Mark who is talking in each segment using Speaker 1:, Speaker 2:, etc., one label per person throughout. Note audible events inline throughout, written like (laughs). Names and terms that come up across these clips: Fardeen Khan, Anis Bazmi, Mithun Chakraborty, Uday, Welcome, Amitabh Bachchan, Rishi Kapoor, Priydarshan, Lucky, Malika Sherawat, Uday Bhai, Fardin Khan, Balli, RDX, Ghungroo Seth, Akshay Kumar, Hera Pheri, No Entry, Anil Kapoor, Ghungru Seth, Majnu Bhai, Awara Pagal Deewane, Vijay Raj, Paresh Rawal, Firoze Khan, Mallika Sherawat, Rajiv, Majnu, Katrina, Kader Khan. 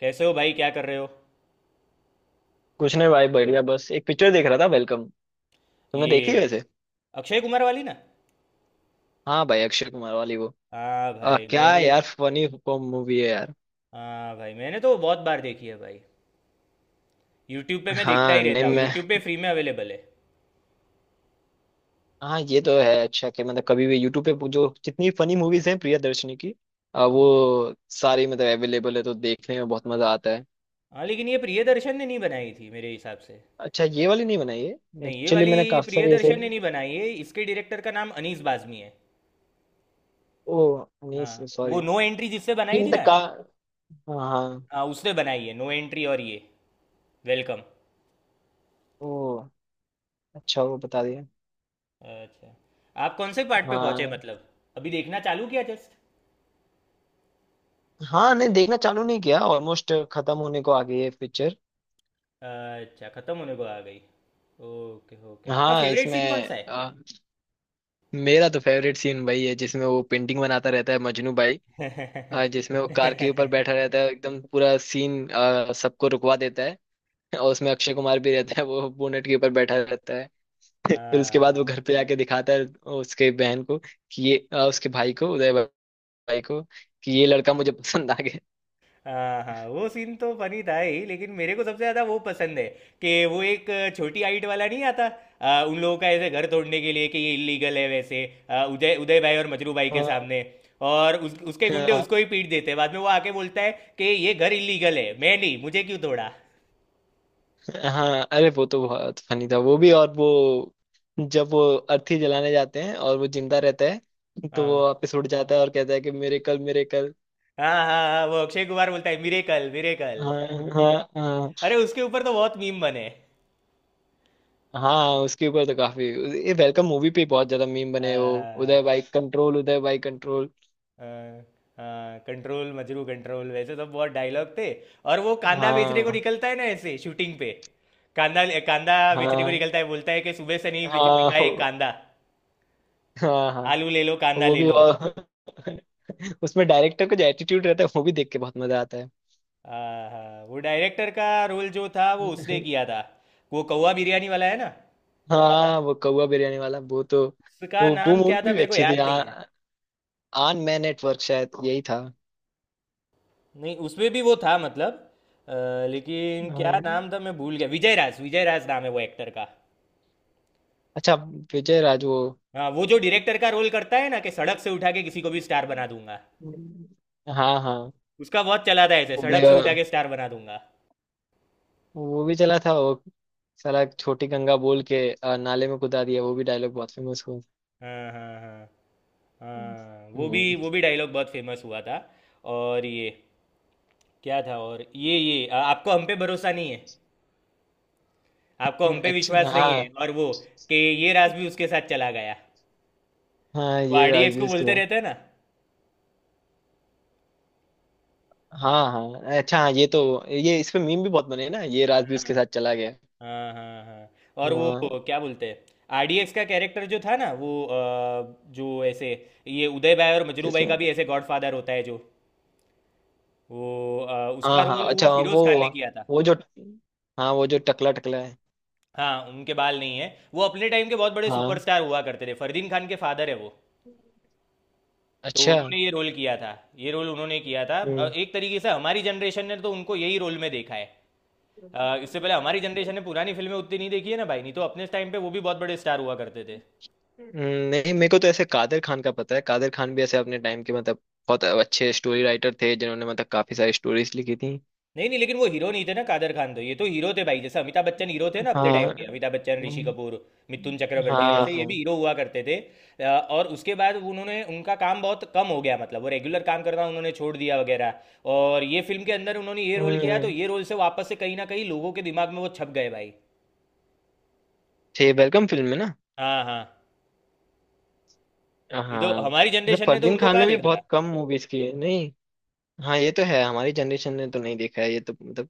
Speaker 1: कैसे हो भाई, क्या कर रहे हो?
Speaker 2: कुछ नहीं भाई, बढ़िया। बस एक पिक्चर देख रहा था, वेलकम। तुमने देखी
Speaker 1: ये
Speaker 2: वैसे?
Speaker 1: अक्षय कुमार वाली ना?
Speaker 2: हाँ भाई, अक्षय कुमार वाली वो।
Speaker 1: हाँ भाई
Speaker 2: क्या
Speaker 1: मैंने।
Speaker 2: यार, फनी मूवी है यार।
Speaker 1: हाँ भाई मैंने तो बहुत बार देखी है भाई। यूट्यूब पे मैं देखता
Speaker 2: हाँ
Speaker 1: ही
Speaker 2: नहीं
Speaker 1: रहता हूँ,
Speaker 2: मैं,
Speaker 1: यूट्यूब पे फ्री में अवेलेबल है।
Speaker 2: हाँ ये तो है अच्छा कि मतलब कभी भी यूट्यूब पे जो जितनी फनी मूवीज हैं प्रियदर्शनी की, वो सारी मतलब अवेलेबल है तो देखने में बहुत मजा आता है।
Speaker 1: हाँ लेकिन ये प्रियदर्शन ने नहीं बनाई थी मेरे हिसाब से।
Speaker 2: अच्छा, ये वाली नहीं बनाई है
Speaker 1: नहीं ये
Speaker 2: एक्चुअली।
Speaker 1: वाली
Speaker 2: मैंने काफी सारी ऐसे,
Speaker 1: प्रियदर्शन ने नहीं बनाई है, इसके डायरेक्टर का नाम अनीस बाज़मी है।
Speaker 2: ओ नहीं
Speaker 1: हाँ
Speaker 2: सॉरी,
Speaker 1: वो नो एंट्री जिससे बनाई
Speaker 2: ये
Speaker 1: थी
Speaker 2: मतलब
Speaker 1: ना।
Speaker 2: का, हाँ हाँ।
Speaker 1: हाँ उसने बनाई है नो एंट्री, और ये वेलकम।
Speaker 2: ओ अच्छा, वो बता दिया।
Speaker 1: अच्छा, आप कौन से पार्ट पे पहुंचे
Speaker 2: हाँ,
Speaker 1: मतलब? अभी देखना चालू किया जस्ट?
Speaker 2: हाँ नहीं, देखना चालू नहीं किया, ऑलमोस्ट खत्म होने को आ गई है पिक्चर।
Speaker 1: अच्छा, खत्म होने को आ गई। ओके ओके, आपका
Speaker 2: हाँ
Speaker 1: फेवरेट
Speaker 2: इसमें
Speaker 1: सीन कौन सा
Speaker 2: मेरा तो फेवरेट सीन वही है जिसमें वो पेंटिंग बनाता रहता है, मजनू भाई।
Speaker 1: है? (laughs)
Speaker 2: जिसमें वो कार के ऊपर बैठा रहता है, एकदम पूरा सीन सबको रुकवा देता है। और उसमें अक्षय कुमार भी रहता है, वो बोनेट के ऊपर बैठा रहता है। (laughs) फिर उसके
Speaker 1: हाँ
Speaker 2: बाद वो घर
Speaker 1: हाँ
Speaker 2: पे आके दिखाता है उसके बहन को कि ये उसके भाई को, उदय भाई को, कि ये लड़का मुझे पसंद आ गया।
Speaker 1: हाँ हाँ, वो सीन तो फनी था ही लेकिन मेरे को सबसे ज्यादा वो पसंद है कि वो एक छोटी हाइट वाला नहीं आता? उन लोगों का ऐसे घर तोड़ने के लिए कि ये इलीगल है वैसे। आ, उदय उदय भाई और मजरू भाई के
Speaker 2: हाँ
Speaker 1: सामने। और उसके गुंडे
Speaker 2: हाँ।
Speaker 1: उसको ही पीट देते हैं, बाद में वो आके बोलता है कि ये घर इलीगल है, मैं नहीं, मुझे क्यों तोड़ा?
Speaker 2: हाँ, अरे वो तो बहुत फनी था वो भी। और वो जब वो अर्थी जलाने जाते हैं और वो जिंदा रहता है तो वो
Speaker 1: हाँ
Speaker 2: वापस उड़ जाता है और कहता है कि मेरे कल, मेरे कल।
Speaker 1: हाँ हाँ हाँ, वो अक्षय कुमार बोलता है मिरेकल मिरेकल।
Speaker 2: हाँ हाँ। हाँ,
Speaker 1: अरे उसके ऊपर तो बहुत मीम बने।
Speaker 2: हाँ उसके ऊपर तो काफी, ये वेलकम मूवी पे बहुत ज्यादा मीम बने हैं, वो
Speaker 1: आ,
Speaker 2: उदय भाई कंट्रोल, उदय भाई कंट्रोल।
Speaker 1: आ, हाँ, कंट्रोल मजरू कंट्रोल, वैसे सब बहुत डायलॉग थे। और वो कांदा बेचने को
Speaker 2: हाँ
Speaker 1: निकलता है ना ऐसे शूटिंग पे। कांदा कांदा बेचने को
Speaker 2: हाँ।
Speaker 1: निकलता है, बोलता है कि सुबह से नहीं
Speaker 2: हाँ
Speaker 1: बिका है
Speaker 2: हो-
Speaker 1: कांदा।
Speaker 2: हाँ हाँ।
Speaker 1: आलू ले लो कांदा
Speaker 2: वो
Speaker 1: ले
Speaker 2: भी।
Speaker 1: लो।
Speaker 2: और (laughs) उसमें डायरेक्टर का जो एटीट्यूड रहता है वो भी देख के बहुत मजा आता
Speaker 1: आहा, वो डायरेक्टर का रोल जो था वो उसने
Speaker 2: है।
Speaker 1: किया था। वो कौवा बिरयानी वाला है ना।
Speaker 2: हाँ वो कौवा बिरयानी वाला, वो तो,
Speaker 1: उसका
Speaker 2: वो
Speaker 1: नाम क्या
Speaker 2: मूवी
Speaker 1: था
Speaker 2: भी
Speaker 1: मेरे को
Speaker 2: अच्छी थी।
Speaker 1: याद नहीं है।
Speaker 2: आन मैं नेटवर्क शायद यही था।
Speaker 1: नहीं उसमें भी वो था मतलब, अ, लेकिन क्या
Speaker 2: हाँ,
Speaker 1: नाम था मैं भूल गया, विजय राज, विजय राज नाम है वो एक्टर का।
Speaker 2: अच्छा, विजय राज वो,
Speaker 1: हाँ वो जो डायरेक्टर का रोल करता है ना कि सड़क से उठा के किसी को भी स्टार बना दूंगा।
Speaker 2: हाँ हाँ।
Speaker 1: उसका बहुत चला था ऐसे,
Speaker 2: वो भी
Speaker 1: सड़क से उठा के स्टार बना दूंगा।
Speaker 2: चला था वो, साला छोटी गंगा बोल के नाले में कूदा दिया, वो भी डायलॉग बहुत फेमस हुआ।
Speaker 1: हाँ हाँ हाँ हाँ, वो भी
Speaker 2: हम्म।
Speaker 1: वो भी डायलॉग बहुत फेमस हुआ था। और ये क्या था? और ये आपको हम पे भरोसा नहीं है, आपको हम पे विश्वास
Speaker 2: अच्छा
Speaker 1: नहीं
Speaker 2: हाँ,
Speaker 1: है, और वो कि ये राज भी उसके साथ चला गया।
Speaker 2: हाँ
Speaker 1: वो
Speaker 2: ये
Speaker 1: आरडीएक्स को
Speaker 2: राजवीर के
Speaker 1: बोलते
Speaker 2: साथ।
Speaker 1: रहते हैं ना।
Speaker 2: हाँ हाँ अच्छा, हाँ ये तो, ये इस पे मीम भी बहुत बने ना, ये राजवीर के साथ चला गया।
Speaker 1: हाँ हाँ हाँ। और वो
Speaker 2: हाँ
Speaker 1: क्या बोलते हैं, आरडीएक्स का कैरेक्टर जो था ना वो, जो ऐसे ये उदय भाई और मजरू भाई
Speaker 2: इसमें।
Speaker 1: का भी ऐसे गॉडफादर होता है जो, वो उसका
Speaker 2: हाँ हाँ
Speaker 1: रोल वो
Speaker 2: अच्छा, हाँ
Speaker 1: फिरोज खान ने
Speaker 2: वो
Speaker 1: किया था।
Speaker 2: वो जो, हाँ वो जो टकला, टकला है।
Speaker 1: हाँ उनके बाल नहीं है। वो अपने टाइम के बहुत बड़े
Speaker 2: हाँ,
Speaker 1: सुपरस्टार हुआ करते थे, फरदीन खान के फादर है वो। तो
Speaker 2: अच्छा।
Speaker 1: उन्होंने ये रोल किया था। ये रोल उन्होंने किया था,
Speaker 2: हम्म।
Speaker 1: एक तरीके से हमारी जनरेशन ने तो उनको यही रोल में देखा है। इससे पहले हमारी जनरेशन ने पुरानी फिल्में उतनी नहीं देखी है ना भाई, नहीं तो अपने टाइम पे वो भी बहुत बड़े स्टार हुआ करते थे।
Speaker 2: नहीं मेरे को तो ऐसे कादर खान का पता है। कादर खान भी ऐसे अपने टाइम के मतलब बहुत अच्छे स्टोरी राइटर थे, जिन्होंने मतलब काफी सारी स्टोरीज लिखी थी।
Speaker 1: नहीं नहीं लेकिन वो हीरो नहीं थे ना कादर खान, तो ये तो हीरो थे भाई। जैसे अमिताभ बच्चन हीरो थे ना
Speaker 2: हाँ।
Speaker 1: अपने टाइम के, अमिताभ बच्चन, ऋषि
Speaker 2: हाँ।
Speaker 1: कपूर, मिथुन चक्रवर्ती, वैसे ये भी
Speaker 2: हाँ।
Speaker 1: हीरो हुआ करते थे। अ, और उसके बाद उन्होंने, उनका काम बहुत कम हो गया मतलब, वो रेगुलर काम करना उन्होंने छोड़ दिया वगैरह। और ये फिल्म के अंदर उन्होंने ये रोल किया तो
Speaker 2: हम्म।
Speaker 1: ये रोल से वापस से कहीं ना कहीं लोगों के दिमाग में वो छप गए भाई।
Speaker 2: थे वेलकम फिल्म में ना?
Speaker 1: हाँ हाँ। नहीं तो
Speaker 2: हाँ
Speaker 1: हमारी
Speaker 2: मतलब
Speaker 1: जनरेशन ने तो
Speaker 2: फरदीन
Speaker 1: उनको
Speaker 2: खान
Speaker 1: कहाँ
Speaker 2: ने भी
Speaker 1: देखा
Speaker 2: बहुत कम मूवीज की है नहीं? हाँ ये तो है, हमारी जनरेशन ने तो नहीं देखा है, ये तो मतलब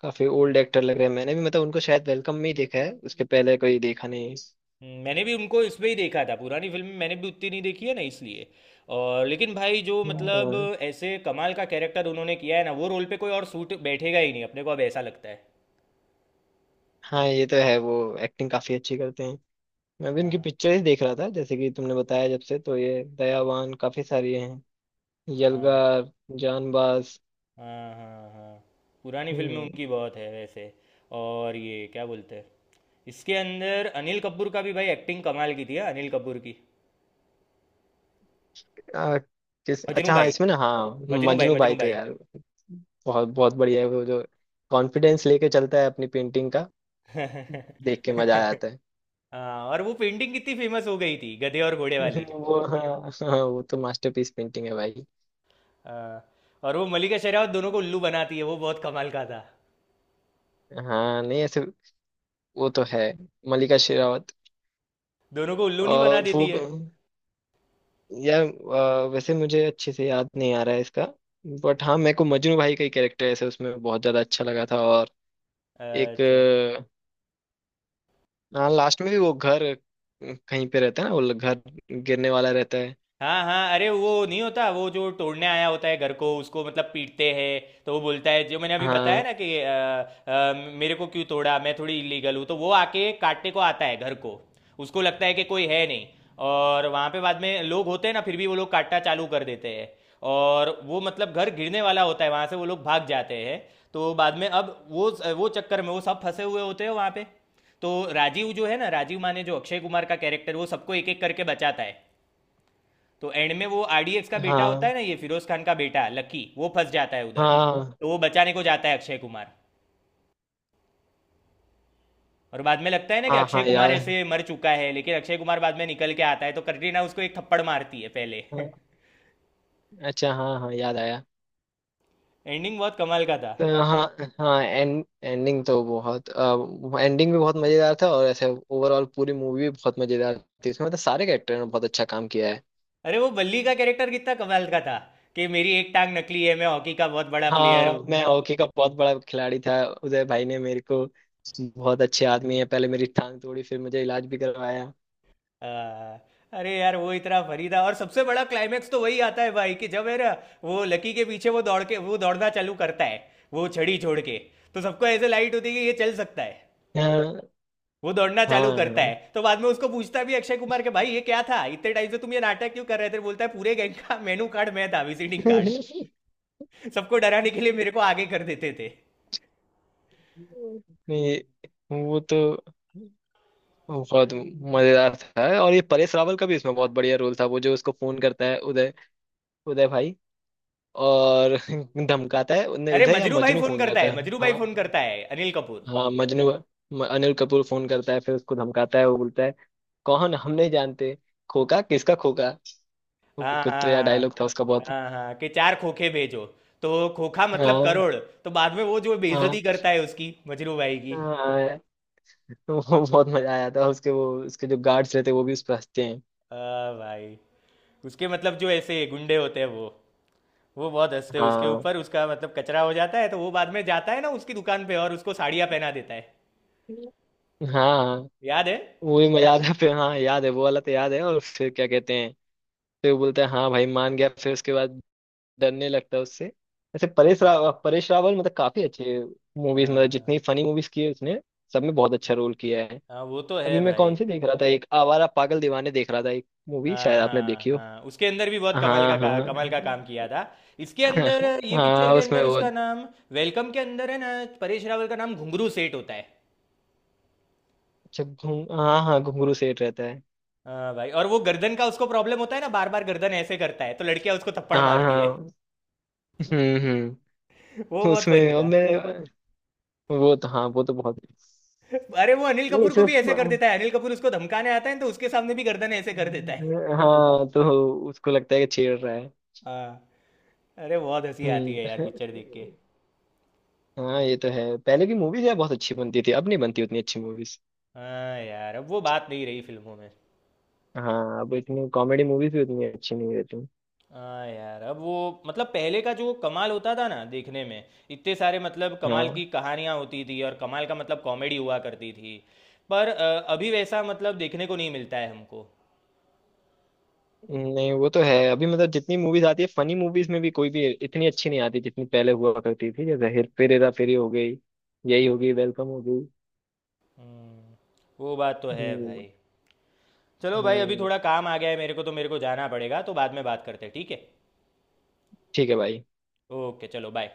Speaker 2: काफी
Speaker 1: था।
Speaker 2: ओल्ड एक्टर लग रहे हैं। मैंने भी मतलब उनको शायद वेलकम में ही देखा है, उसके पहले कोई देखा नहीं।
Speaker 1: मैंने भी उनको इसमें ही देखा था, पुरानी फिल्म मैंने भी उतनी नहीं देखी है ना इसलिए। और लेकिन भाई जो
Speaker 2: हम्म।
Speaker 1: मतलब,
Speaker 2: और
Speaker 1: ऐसे कमाल का कैरेक्टर उन्होंने किया है ना वो, रोल पे कोई और सूट बैठेगा ही नहीं अपने को, अब ऐसा लगता है।
Speaker 2: हाँ ये तो है, वो एक्टिंग काफी अच्छी करते हैं। मैं भी उनकी पिक्चर ही देख रहा था जैसे कि तुमने बताया जब से, तो ये दयावान, काफी सारी हैं,
Speaker 1: हाँ
Speaker 2: यलगार, जानबाज।
Speaker 1: हाँ हाँ हाँ। पुरानी फिल्म में
Speaker 2: हम्म।
Speaker 1: उनकी बहुत है वैसे। और ये क्या बोलते हैं, इसके अंदर अनिल कपूर का भी भाई एक्टिंग कमाल की थी, हाँ, अनिल कपूर की।
Speaker 2: आ, किस,
Speaker 1: मजनू
Speaker 2: अच्छा हाँ
Speaker 1: भाई,
Speaker 2: इसमें ना, हाँ
Speaker 1: मजनू भाई,
Speaker 2: मजनू भाई
Speaker 1: मजनू
Speaker 2: तो
Speaker 1: भाई।
Speaker 2: यार बहुत बहुत बढ़िया है। वो जो कॉन्फिडेंस लेके चलता है अपनी पेंटिंग का,
Speaker 1: (laughs)
Speaker 2: देख के मजा आ जाता है।
Speaker 1: हाँ, और वो पेंटिंग कितनी फेमस हो गई थी, गधे और घोड़े वाली।
Speaker 2: (laughs) वो, हाँ हाँ वो तो मास्टरपीस पेंटिंग है भाई।
Speaker 1: हाँ, और वो मलिका शेरावत दोनों को उल्लू बनाती है, वो बहुत कमाल का था।
Speaker 2: हाँ नहीं ऐसे, वो तो है। मलिका शेरावत
Speaker 1: दोनों को उल्लू नहीं बना
Speaker 2: और वो,
Speaker 1: देती है।
Speaker 2: यार वैसे मुझे अच्छे से याद नहीं आ रहा है इसका। बट हाँ, मेरे को मजनू भाई का ही कैरेक्टर ऐसे उसमें बहुत ज्यादा अच्छा लगा था। और एक
Speaker 1: अच्छा,
Speaker 2: हाँ लास्ट में भी वो घर कहीं पे रहता है ना, वो घर गिरने वाला रहता है।
Speaker 1: हाँ हाँ। अरे वो नहीं होता, वो जो तोड़ने आया होता है घर को उसको मतलब पीटते हैं। तो वो बोलता है जो मैंने अभी बताया
Speaker 2: हाँ
Speaker 1: ना कि अ, मेरे को क्यों तोड़ा, मैं थोड़ी इलीगल हूँ। तो वो आके काटने को आता है घर को, उसको लगता है कि कोई है नहीं। और वहाँ पे बाद में लोग होते हैं ना, फिर भी वो लोग काटना चालू कर देते हैं। और वो मतलब घर गिरने वाला होता है, वहाँ से वो लोग भाग जाते हैं। तो बाद में अब वो चक्कर में वो सब फंसे हुए होते हैं वहाँ पे। तो राजीव जो है ना, राजीव माने जो अक्षय कुमार का कैरेक्टर, वो सबको एक एक करके बचाता है। तो एंड में वो आरडीएक्स का बेटा होता है
Speaker 2: हाँ।
Speaker 1: ना, ये फिरोज खान का बेटा लकी, वो फंस जाता है उधर,
Speaker 2: हाँ
Speaker 1: तो वो बचाने को जाता है अक्षय कुमार। और बाद में लगता है ना कि
Speaker 2: हाँ।
Speaker 1: अक्षय
Speaker 2: हाँ
Speaker 1: कुमार
Speaker 2: याद,
Speaker 1: ऐसे मर चुका है, लेकिन अक्षय कुमार बाद में निकल के आता है, तो कटरीना उसको एक थप्पड़ मारती है पहले। (laughs)
Speaker 2: हाँ, अच्छा हाँ हाँ याद आया।
Speaker 1: एंडिंग बहुत कमाल का था।
Speaker 2: तो हाँ, हाँ एंड, एंडिंग तो बहुत, एंडिंग भी बहुत मजेदार था। और ऐसे ओवरऑल पूरी मूवी भी बहुत मजेदार थी, उसमें मतलब सारे कैरेक्टर ने बहुत अच्छा काम किया है।
Speaker 1: अरे वो बल्ली का कैरेक्टर कितना कमाल का था, कि मेरी एक टांग नकली है, मैं हॉकी का बहुत बड़ा प्लेयर हूँ।
Speaker 2: हाँ, मैं हॉकी का बहुत बड़ा खिलाड़ी था, उदय भाई ने मेरे को, बहुत अच्छे आदमी है, पहले मेरी टांग तोड़ी फिर मुझे इलाज भी करवाया।
Speaker 1: हाँ, अरे यार वो इतना फनी था। और सबसे बड़ा क्लाइमेक्स तो वही आता है भाई कि जब है ना, वो लकी के पीछे वो दौड़ के वो दौड़ना चालू करता है, वो छड़ी छोड़ के। तो सबको ऐसे लाइट होती है कि ये चल सकता है।
Speaker 2: हाँ
Speaker 1: वो दौड़ना चालू करता
Speaker 2: हाँ।
Speaker 1: है तो बाद में उसको पूछता भी है अक्षय कुमार के, भाई ये क्या था, इतने टाइम से तुम ये नाटक क्यों कर रहे थे? बोलता है पूरे गैंग का मेनू कार्ड मैं था, विजिटिंग कार्ड। सबको डराने के लिए मेरे को आगे कर देते थे।
Speaker 2: (laughs) वो तो बहुत मजेदार था। और ये परेश रावल का भी इसमें बहुत बढ़िया रोल था, वो जो उसको फोन करता है उदय, उदय भाई। और (laughs) धमकाता है, नहीं
Speaker 1: अरे
Speaker 2: उदय या
Speaker 1: मजरू भाई
Speaker 2: मजनू
Speaker 1: फोन
Speaker 2: फोन
Speaker 1: करता
Speaker 2: करता
Speaker 1: है,
Speaker 2: है,
Speaker 1: मजरू भाई
Speaker 2: हाँ
Speaker 1: फोन
Speaker 2: हाँ।
Speaker 1: करता है अनिल कपूर।
Speaker 2: हाँ, मजनू, अनिल कपूर फोन करता है, फिर उसको धमकाता है। वो बोलता है कौन, हम नहीं जानते, खोका किसका खोका।
Speaker 1: हाँ
Speaker 2: कुछ तो यार
Speaker 1: हाँ
Speaker 2: डायलॉग था उसका बहुत।
Speaker 1: हाँ हाँ, कि चार खोखे भेजो। तो खोखा मतलब
Speaker 2: हाँ
Speaker 1: करोड़। तो बाद में वो जो
Speaker 2: हाँ।
Speaker 1: बेइज्जती करता है उसकी, मजरू भाई की।
Speaker 2: हाँ। (laughs) वो बहुत मजा आया था उसके, वो उसके जो गार्ड्स रहते हैं वो भी उस पर हंसते हैं।
Speaker 1: हाँ भाई, उसके मतलब जो ऐसे गुंडे होते हैं वो बहुत हंसते हैं उसके
Speaker 2: हाँ
Speaker 1: ऊपर, उसका मतलब कचरा हो जाता है। तो वो बाद में जाता है ना उसकी दुकान पे और उसको साड़ियाँ पहना देता है,
Speaker 2: हाँ।
Speaker 1: याद है?
Speaker 2: वो भी मजा आता है फिर। हाँ याद है, वो वाला तो याद है। और फिर क्या कहते हैं, फिर बोलते हैं हाँ भाई मान गया, फिर उसके बाद डरने लगता है उससे। वैसे
Speaker 1: हाँ
Speaker 2: परेश
Speaker 1: हाँ
Speaker 2: रावल, परेश रावल मतलब काफी अच्छे मूवीज, मतलब
Speaker 1: हाँ
Speaker 2: जितनी फनी मूवीज की है उसने, सब में बहुत अच्छा रोल किया है।
Speaker 1: हाँ, वो तो
Speaker 2: अभी
Speaker 1: है
Speaker 2: मैं कौन
Speaker 1: भाई।
Speaker 2: सी देख रहा था, एक आवारा पागल दीवाने देख रहा था एक मूवी, शायद
Speaker 1: हाँ
Speaker 2: आपने
Speaker 1: हाँ
Speaker 2: देखी हो।
Speaker 1: हाँ, उसके अंदर भी बहुत कमाल का,
Speaker 2: हाँ
Speaker 1: का
Speaker 2: हाँ।
Speaker 1: कमाल का काम किया था। इसके अंदर
Speaker 2: (laughs)
Speaker 1: ये पिक्चर
Speaker 2: हाँ
Speaker 1: के
Speaker 2: उसमें
Speaker 1: अंदर
Speaker 2: वो
Speaker 1: उसका नाम, वेलकम के अंदर है ना, परेश रावल का नाम घुंगरू सेठ होता है।
Speaker 2: जब घूम, हाँ हाँ घुंगरू सेठ रहता है।
Speaker 1: हाँ भाई, और वो गर्दन का उसको प्रॉब्लम होता है ना, बार बार गर्दन ऐसे करता है तो लड़कियां उसको थप्पड़
Speaker 2: हाँ
Speaker 1: मारती है।
Speaker 2: हाँ। हम्म।
Speaker 1: (laughs) वो बहुत फनी
Speaker 2: उसमें और
Speaker 1: था।
Speaker 2: मैं, वो तो हाँ वो तो बहुत,
Speaker 1: अरे वो अनिल
Speaker 2: नहीं
Speaker 1: कपूर को भी
Speaker 2: सिर्फ,
Speaker 1: ऐसे कर देता है, अनिल कपूर उसको धमकाने आता है तो उसके सामने भी गर्दन ऐसे कर देता है।
Speaker 2: हाँ तो उसको लगता है कि छेड़ रहा है।
Speaker 1: हाँ, अरे बहुत हंसी आती
Speaker 2: हम्म।
Speaker 1: है यार पिक्चर देख के।
Speaker 2: हाँ ये तो है, पहले की मूवीज यार बहुत अच्छी बनती थी, अब नहीं बनती उतनी अच्छी मूवीज।
Speaker 1: हाँ यार, अब वो बात नहीं रही फिल्मों में।
Speaker 2: हाँ अब इतनी कॉमेडी मूवीज भी उतनी अच्छी नहीं रहती।
Speaker 1: हाँ यार, अब वो मतलब पहले का जो कमाल होता था ना देखने में, इतने सारे मतलब कमाल
Speaker 2: हाँ
Speaker 1: की कहानियां होती थी और कमाल का मतलब कॉमेडी हुआ करती थी। पर अभी वैसा मतलब देखने को नहीं मिलता है हमको।
Speaker 2: नहीं वो तो है, अभी मतलब जितनी मूवीज आती है फनी मूवीज में, भी कोई भी इतनी अच्छी नहीं आती जितनी पहले हुआ करती थी। जैसे हेर फेर, हेरा फेरी हो गई, यही हो गई, वेलकम हो गई।
Speaker 1: वो बात तो है
Speaker 2: हम्म।
Speaker 1: भाई। चलो भाई, अभी
Speaker 2: हम्म,
Speaker 1: थोड़ा काम आ गया है मेरे को तो, मेरे को जाना पड़ेगा, तो बाद में बात करते हैं, ठीक है?
Speaker 2: ठीक है भाई।
Speaker 1: ओके चलो बाय।